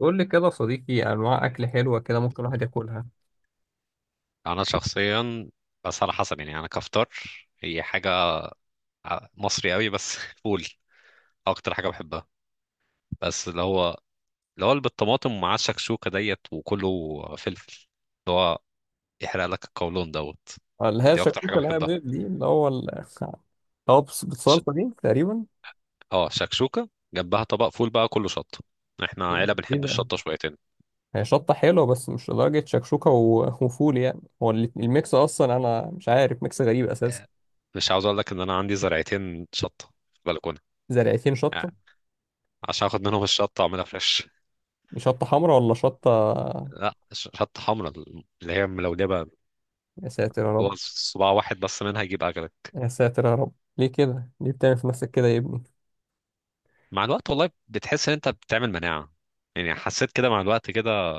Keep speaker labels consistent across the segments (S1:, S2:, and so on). S1: قول لي كده يا صديقي، انواع اكل حلوه كده ممكن الواحد ياكلها.
S2: انا شخصيا، بس على حسب. يعني انا كفطار هي حاجه مصري قوي بس فول اكتر حاجه بحبها، بس اللي هو اللي بالطماطم ومعاه الشكشوكه ديت وكله فلفل، اللي هو يحرق لك القولون دوت.
S1: اللي هي
S2: دي اكتر حاجه
S1: الشكوكه اللي هي
S2: بحبها.
S1: بيض دي اللي هو اللي
S2: ش...
S1: بالصلصه دي تقريبا.
S2: اه، شكشوكه جنبها طبق فول بقى كله شطه. احنا
S1: ايه.
S2: عيله
S1: إيه
S2: بنحب
S1: ده؟
S2: الشطه شويتين.
S1: هي شطه حلوه بس مش لدرجه شكشوكه وفول يعني، هو الميكس اصلا، انا مش عارف، ميكس غريب اساسا.
S2: مش عاوز اقول لك ان انا عندي زرعتين شطه في البلكونه،
S1: زرعتين شطه؟
S2: يعني عشان اخد منهم الشطه واعملها فريش.
S1: دي شطه حمراء ولا شطه؟
S2: لا، شطه حمراء اللي هي ملولبه.
S1: يا ساتر يا
S2: هو
S1: رب.
S2: صباع واحد بس منها يجيب اجلك.
S1: يا ساتر يا رب. ليه كده، ليه بتعمل في نفسك كده يا ابني؟
S2: مع الوقت والله بتحس ان انت بتعمل مناعه، يعني حسيت كده مع الوقت كده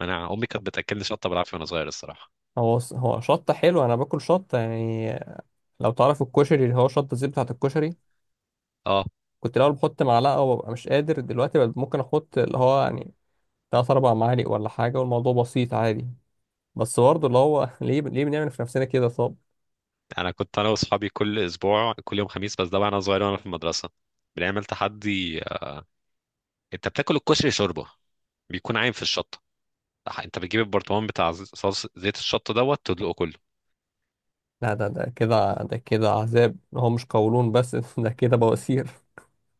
S2: مناعه. امي كانت بتاكلني شطه بالعافيه وانا صغير الصراحه.
S1: هو هو شطه حلوه، انا باكل شطه يعني. لو تعرف الكشري اللي هو شطه زي بتاعه الكشري.
S2: اه،
S1: كنت الاول بحط معلقه وببقى مش قادر، دلوقتي بقى ممكن احط اللي هو يعني تلات اربع معالق ولا حاجه، والموضوع بسيط عادي. بس برضه اللي هو ليه بنعمل في نفسنا كده طب؟
S2: انا كنت واصحابي كل اسبوع كل يوم خميس، بس ده وانا صغير وانا في المدرسه بنعمل تحدي. انت بتاكل الكشري شوربه، بيكون عايم في الشطه. انت بتجيب البرطمان بتاع صوص زيت الشطه دوت تدلقه كله.
S1: لا، ده كده عذاب، هو مش قولون بس، ده كده بواسير.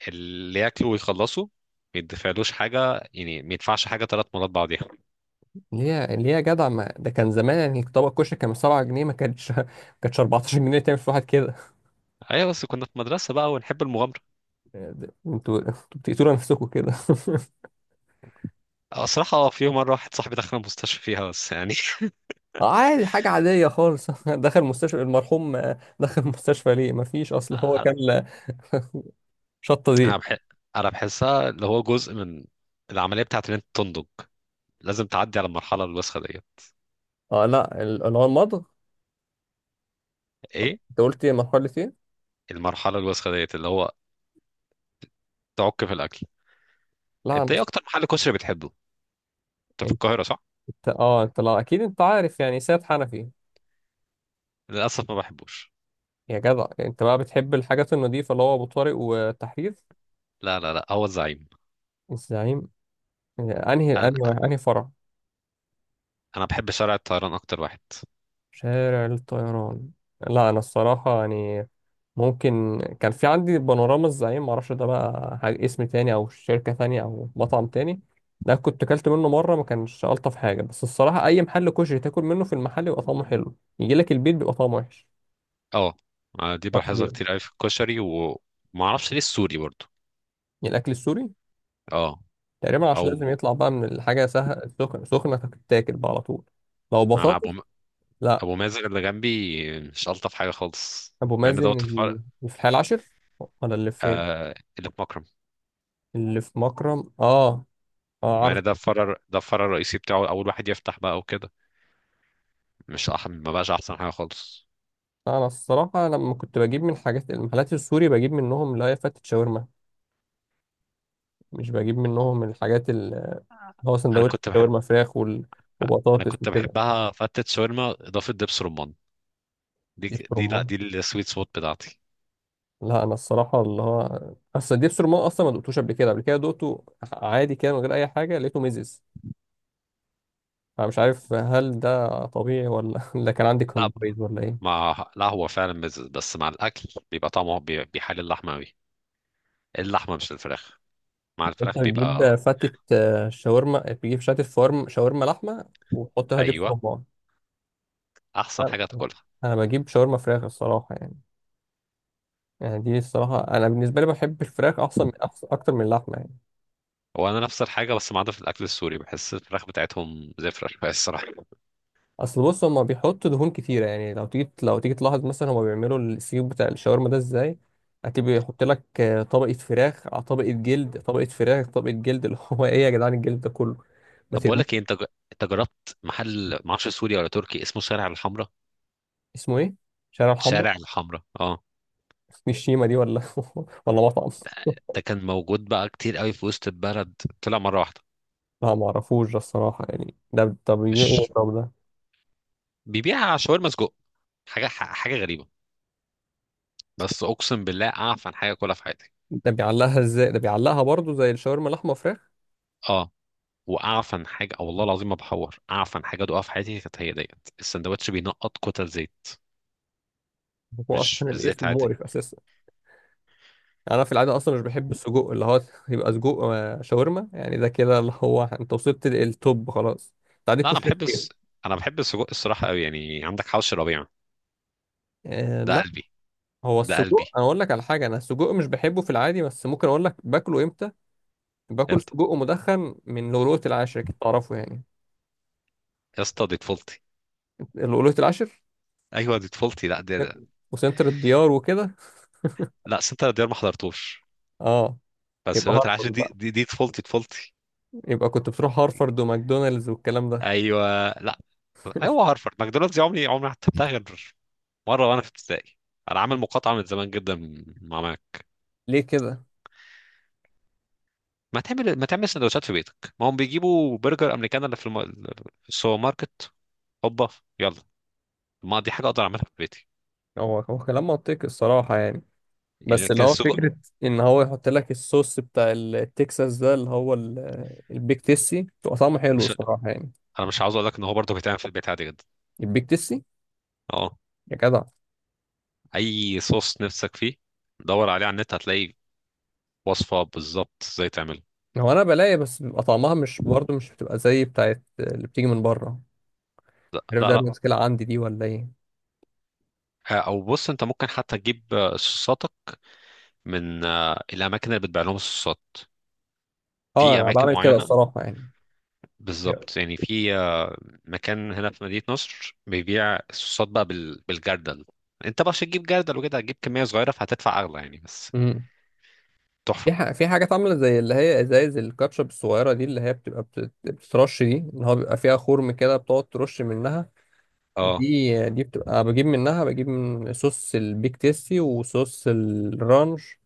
S2: اللي ياكله ويخلصه ما يدفعلوش حاجه، يعني ما يدفعش حاجه ثلاث مرات بعضيها.
S1: ليه يا جدع، ما ده كان زمان يعني، طبق الكشري كان ب 7 جنيه، ما كانتش ما كانتش 14 جنيه تعمل في واحد كده.
S2: ايوه بس كنا في مدرسه بقى ونحب المغامره.
S1: انتوا بتقتلوا نفسكم كده
S2: صراحة، في يوم مرة واحد صاحبي دخل المستشفى فيها بس يعني.
S1: عادي، حاجة عادية خالص. دخل مستشفى المرحوم، دخل مستشفى ليه؟ ما فيش، اصل هو كان شطة
S2: أنا
S1: زيت.
S2: بح... أنا بحسها اللي هو جزء من العملية بتاعت إن أنت تنضج. لازم تعدي على المرحلة الوسخة ديت.
S1: اه لا، اللي هو المضغ.
S2: إيه؟
S1: انت قلت ايه؟ مرحلة ايه؟
S2: المرحلة الوسخة ديت اللي هو تعك في الأكل.
S1: لا
S2: أنت
S1: انت،
S2: إيه أكتر محل كشري بتحبه؟ أنت في القاهرة صح؟
S1: لا اكيد انت عارف يعني سيد حنفي.
S2: للأسف ما بحبوش.
S1: يا جدع انت بقى بتحب الحاجات النظيفة، اللي هو ابو طارق والتحرير.
S2: لا لا لا، هو الزعيم.
S1: الزعيم. انهي
S2: أنا
S1: انهي فرع؟
S2: أنا بحب شارع الطيران أكتر واحد.
S1: شارع الطيران. لا انا الصراحة يعني، ممكن كان في عندي بانوراما الزعيم، معرفش ده بقى حاجة اسم تاني او شركة تانية او مطعم تاني. ده كنت اكلت منه مرة، ما كانش الطف حاجة، بس الصراحة اي محل كشري تاكل منه في المحل يبقى طعمه حلو، يجي لك البيت بيبقى طعمه وحش.
S2: أه. دي
S1: معرفش ليه
S2: بلاحظها
S1: يعني.
S2: كتير أوي في الكشري ومعرفش ليه السوري برضه.
S1: الاكل السوري
S2: أه.
S1: تقريبا عشان لازم
S2: أو
S1: يطلع بقى من الحاجة سهل، سخنة سخنة تتاكل بقى على طول. لو
S2: أنا
S1: بطاطس.
S2: أبو
S1: لا،
S2: ابو مازن اللي جنبي مش الطف حاجه خالص،
S1: ابو
S2: مع ان
S1: مازن
S2: دوت الفرع،
S1: اللي في الحي العاشر ولا اللي فين؟
S2: اللي في مكرم.
S1: اللي في مكرم، اه.
S2: مع
S1: اه.
S2: ان ده الفرع، الرئيسي بتاعه، اول واحد يفتح بقى وكده. مش أح... ما بقاش احسن حاجه خالص.
S1: انا الصراحه لما كنت بجيب من حاجات المحلات السوري بجيب منهم اللي هي فتة شاورما، مش بجيب منهم الحاجات اللي هو
S2: انا
S1: سندوتش
S2: كنت بح...
S1: شاورما فراخ
S2: انا
S1: وبطاطس
S2: كنت
S1: وكده.
S2: بحبها فتت شاورما اضافه دبس رمان. دي
S1: دبس
S2: ك- دي لا
S1: رمان؟
S2: دي السويت سبوت بتاعتي.
S1: لا انا الصراحه اللي هو، اصل دبس رمان اصلا ما دقتوش قبل كده دقته عادي كده من غير اي حاجه، لقيته ميزز. انا مش عارف هل ده طبيعي ولا ولا كان عندي
S2: لا
S1: كومبريز ولا ايه.
S2: لا، هو فعلا مزز بس مع الاكل بيبقى طعمه بيحل اللحمه قوي. اللحمه مش الفراخ، مع الفراخ
S1: انت
S2: بيبقى.
S1: بتجيب فتة شاورما، بتجيب فتة فارم شاورما لحمه وتحط لها دبس
S2: ايوه،
S1: رمان؟
S2: احسن
S1: انا
S2: حاجه تاكلها.
S1: أنا بجيب شاورما فراخ الصراحه يعني. يعني دي الصراحة أنا بالنسبة لي بحب الفراخ أحسن، من أحسن أكتر من اللحمة يعني.
S2: هو انا نفس الحاجه بس ما عدا في الاكل السوري بحس الفراخ بتاعتهم زفره شويه الصراحه.
S1: أصل بص، هما بيحطوا دهون كتيرة يعني، لو تيجي تلاحظ مثلا هما بيعملوا السيخ بتاع الشاورما ده إزاي. هتبقى يحط لك طبقة فراخ على طبقة جلد، طبقة فراخ طبقة جلد، اللي هو إيه يا جدعان الجلد ده كله؟ ما
S2: طب بقول لك ايه،
S1: ترموه.
S2: انت جربت محل ما اعرفش سوري ولا تركي اسمه شارع الحمراء؟
S1: اسمه إيه؟ شارع الحمراء؟
S2: شارع الحمراء، اه.
S1: دي الشيمة دي ولا ولا مطعم؟
S2: ده, ده كان موجود بقى كتير قوي في وسط البلد، طلع مره واحده.
S1: لا ما اعرفوش ده الصراحة يعني. ده طب بيبيع إيه
S2: مش
S1: الراجل ده؟
S2: بيبيع شاورما سجق، حاجه حاجه غريبه، بس اقسم بالله اعفن حاجه كلها في حياتي.
S1: ده بيعلقها إزاي؟ ده بيعلقها برضه زي الشاورما لحمة فراخ؟
S2: اه، واعفن حاجه، أو والله العظيم ما بحور اعفن حاجه ادوقها في حياتي كانت هي ديت. السندوتش بينقط كتل زيت،
S1: هو
S2: مش
S1: أصلا
S2: مش زيت
S1: الاسم
S2: عادي.
S1: مقرف أساسا، يعني انا في العاده اصلا مش بحب السجق اللي هو، يبقى سجق شاورما يعني، ده كده اللي هو انت وصلت للتوب خلاص، انت عندك
S2: لا انا
S1: كشري
S2: بحب
S1: كتير.
S2: الس... انا بحب السجق الصراحه قوي، يعني عندك حوش الربيع،
S1: آه
S2: ده
S1: لا.
S2: قلبي.
S1: هو
S2: ده قلبي.
S1: السجق، انا اقول لك على حاجه، انا السجق مش بحبه في العادي بس ممكن اقول لك باكله امتى. باكل
S2: امتى؟
S1: سجق مدخن من لؤلؤة العاشر، اكيد تعرفه يعني.
S2: يا اسطى دي طفولتي.
S1: لؤلؤة العاشر
S2: ايوه دي طفولتي، لا ده.
S1: وسنتر الديار وكده.
S2: لا سنتر ديار ما حضرتوش.
S1: اه.
S2: بس
S1: يبقى
S2: دلوقتي العاشر
S1: هارفرد
S2: دي،
S1: بقى،
S2: دي طفولتي طفولتي.
S1: يبقى كنت بتروح هارفرد وماكدونالدز والكلام ده.
S2: ايوه لا. ايوه هارفرد ماكدونالدز، دي عمري عمري ما حتى بتاع غير مره وانا في ابتدائي. انا عامل مقاطعه من زمان جدا مع ماك.
S1: ليه كده؟
S2: ما تعمل سندوتشات في بيتك، ما هم بيجيبوا برجر امريكان في السوبر ماركت، هوبا، يلا، ما دي حاجه اقدر اعملها في بيتي.
S1: هو هو كلام منطقي الصراحه يعني،
S2: يعني
S1: بس اللي
S2: لكن
S1: هو
S2: السجق.
S1: فكرة إن هو يحط لك الصوص بتاع التكساس ده اللي هو البيك تيسي، بيبقى طعمه حلو
S2: مش
S1: الصراحة يعني.
S2: انا مش عاوز اقول لك ان هو برضه بيتعمل في البيت عادي جدا.
S1: البيك تيسي،
S2: اه،
S1: يا جدع.
S2: اي صوص نفسك فيه دور عليه على النت هتلاقي وصفه بالظبط ازاي تعمله.
S1: هو أنا بلاقي بس بيبقى طعمها مش برضه، مش بتبقى زي بتاعت اللي بتيجي من بره،
S2: لا
S1: عارف؟
S2: لا
S1: ده
S2: لا.
S1: مشكلة عندي دي ولا إيه؟
S2: او بص، انت ممكن حتى تجيب صوصاتك من الاماكن اللي بتبيع لهم الصوصات،
S1: أه
S2: في
S1: أنا
S2: اماكن
S1: بعمل كده
S2: معينه
S1: الصراحة يعني.
S2: بالظبط، يعني في مكان هنا في مدينه نصر بيبيع الصوصات بقى بالجردل. انت بقى عشان تجيب جردل وكده هتجيب كميه صغيره فهتدفع اغلى يعني، بس
S1: امم.
S2: تحفه.
S1: في حاجات عاملة زي اللي هي إزايز الكاتشب الصغيرة دي اللي هي بتبقى بتترش، دي اللي هو بيبقى فيها خرم كده بتقعد ترش منها.
S2: اه،
S1: دي بتبقى بجيب منها، بجيب من صوص البيك تيستي وصوص الرانش.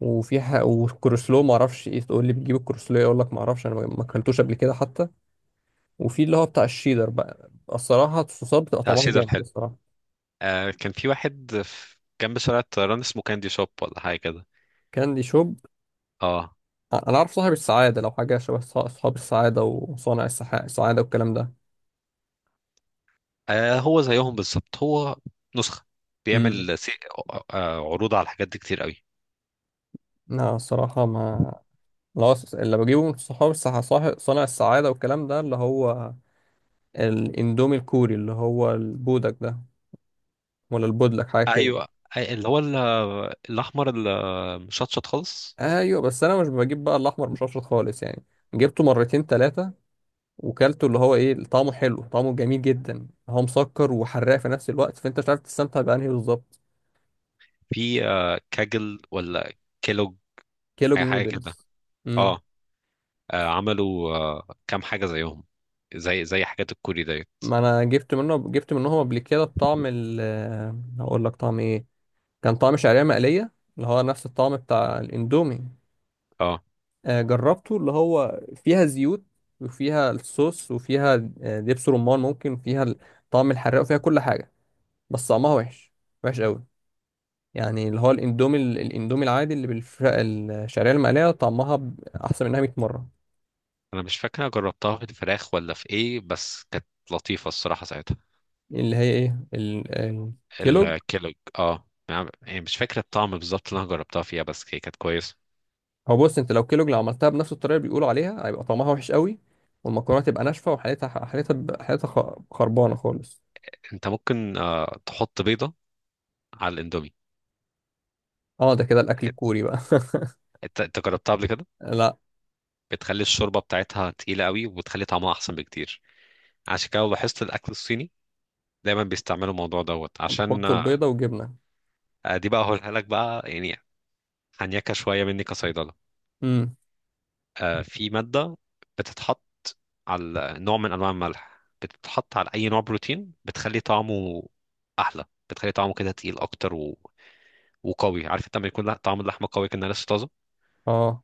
S1: والكروسلو ما اعرفش ايه، تقول لي بتجيب الكروسلو إيه؟ اقول لك ما اعرفش، انا ما اكلتوش قبل كده حتى. وفي اللي هو بتاع الشيدر بقى، الصراحه الصوصات بتبقى
S2: بتاع
S1: طعمها
S2: شيدر.
S1: جامد الصراحه.
S2: كان في واحد في جنب شارع الطيران اسمه كاندي شوب ولا حاجة كده.
S1: كاندي شوب.
S2: اه.
S1: انا اعرف صاحب السعاده، لو حاجه شبه اصحاب السعاده وصانع السعاده والكلام ده.
S2: هو زيهم بالظبط، هو نسخة،
S1: امم.
S2: بيعمل عروض على الحاجات دي كتير قوي.
S1: لا الصراحه ما، لا اللي بجيبه من صحاب صانع السعاده والكلام ده اللي هو الاندومي الكوري اللي هو البودك ده، ولا البودلك حاجه كده.
S2: ايوه، أي- اللي هو ال- الاحمر المشطشط خالص.
S1: ايوه بس انا مش بجيب بقى الاحمر مشطشط خالص يعني. جبته مرتين ثلاثه وكلته، اللي هو ايه، طعمه حلو، طعمه جميل جدا، هو مسكر وحراق في نفس الوقت، فانت مش عارف تستمتع بانهي بالظبط.
S2: في كاجل ولا كيلوج،
S1: كيلوج
S2: اي حاجة كده.
S1: نودلز. امم.
S2: اه. عملوا كام حاجة زيهم، زي حاجات الكوري ديت.
S1: ما انا جبت منهم قبل كده بطعم ال، هقول لك طعم ايه، كان طعم شعريه مقليه اللي هو نفس الطعم بتاع الاندومي.
S2: اه،
S1: جربته اللي هو فيها زيوت وفيها الصوص وفيها دبس رمان ممكن، فيها طعم الحراق وفيها كل حاجة، بس طعمها وحش، وحش قوي. يعني اللي هو الاندومي العادي اللي بالفراخ الشعرية المقلية طعمها أحسن منها 100 مرة.
S2: انا مش فاكر أنا جربتها في الفراخ ولا في ايه، بس كانت لطيفة الصراحة ساعتها.
S1: اللي هي إيه الكيلوج.
S2: الكيلوج، اه، يعني مش فاكر الطعم بالظبط اللي انا جربتها فيها، بس هي كانت كويسه.
S1: هو بص، أنت لو كيلوج لو عملتها بنفس الطريقة اللي بيقولوا عليها هيبقى طعمها وحش قوي، والمكرونة تبقى ناشفة، وحالتها حالتها حالتها خربانة خالص.
S2: انت ممكن تحط بيضه على الاندومي.
S1: اه، ده كده الأكل الكوري بقى
S2: انت جربتها قبل كده؟
S1: لا،
S2: بتخلي الشوربه بتاعتها تقيله قوي، وبتخلي طعمها احسن بكتير. عشان كده لو لاحظت الاكل الصيني دايما بيستعملوا الموضوع دوت عشان
S1: بيحطوا البيضة وجبنة.
S2: دي بقى هقولها لك بقى يعني. هنيكه شويه مني كصيدله.
S1: امم.
S2: في مادة بتتحط على نوع من أنواع الملح، بتتحط على أي نوع بروتين بتخلي طعمه أحلى، بتخلي طعمه كده تقيل أكتر و... وقوي. عارف انت لما يكون طعم اللحمة قوي كأنها لسه طازة،
S1: اه.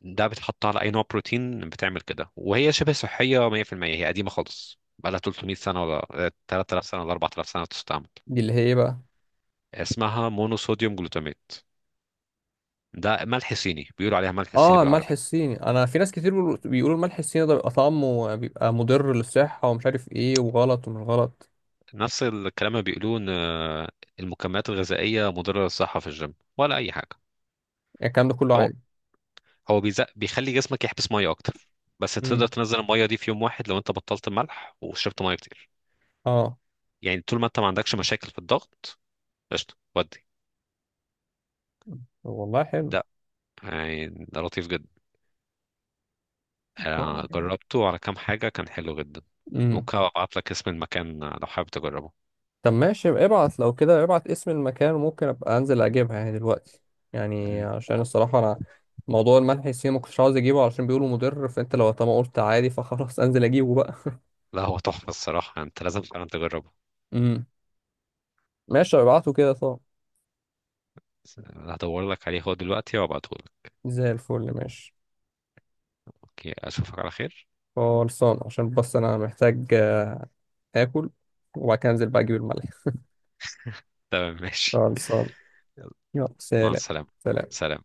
S2: ده بتحط على أي نوع بروتين بتعمل كده، وهي شبه صحية 100%. هي قديمة خالص، بقالها 300 سنة، ولا 3000 سنة، ولا 4000 سنة بتستعمل.
S1: دي اللي هي إيه بقى؟
S2: اسمها مونوصوديوم جلوتاميت، ده ملح صيني، بيقولوا عليها ملح صيني
S1: اه، الملح
S2: بالعربي.
S1: الصيني. انا في ناس كتير بيقولوا الملح الصيني ده بيبقى طعمه بيبقى مضر للصحة، ومش عارف ايه وغلط ومش غلط.
S2: نفس الكلام اللي بيقولوه ان المكملات الغذائيه مضره للصحه في الجيم ولا اي حاجه.
S1: يعني الكلام ده كله
S2: هو
S1: عادي.
S2: هو بيزق، بيخلي جسمك يحبس ميه اكتر، بس تقدر
S1: امم.
S2: تنزل الميه دي في يوم واحد لو انت بطلت الملح وشربت ميه كتير.
S1: اه.
S2: يعني طول ما انت ما عندكش مشاكل في الضغط، قشطه. ودي
S1: طب والله حلو.
S2: ده، يعني ده لطيف جدا.
S1: طب.
S2: جربته على كام حاجه كان حلو جدا.
S1: امم.
S2: ممكن ابعت لك اسم المكان لو حابب تجربه.
S1: طب ماشي، يبقى ابعت لو كده، ابعت اسم المكان وممكن ابقى انزل اجيبها يعني دلوقتي، يعني
S2: مم.
S1: عشان الصراحة انا، موضوع الملح الصيني ما كنتش عاوز اجيبه علشان بيقولوا مضر، فانت لو طالما قلت عادي فخلاص انزل اجيبه بقى.
S2: لا هو تحفه الصراحه، انت لازم فعلا تجربه.
S1: امم. ماشي، ابعته كده طب.
S2: هدور لك عليه هو دلوقتي وابعته لك.
S1: زي الفل، ماشي.
S2: اوكي، اشوفك على خير.
S1: خلصان عشان بس انا محتاج اكل، وبعد كده انزل بقى اجيب الملح.
S2: تمام ماشي.
S1: خلصان. يلا
S2: مع
S1: سلام.
S2: السلامة.
S1: سلام.
S2: سلام.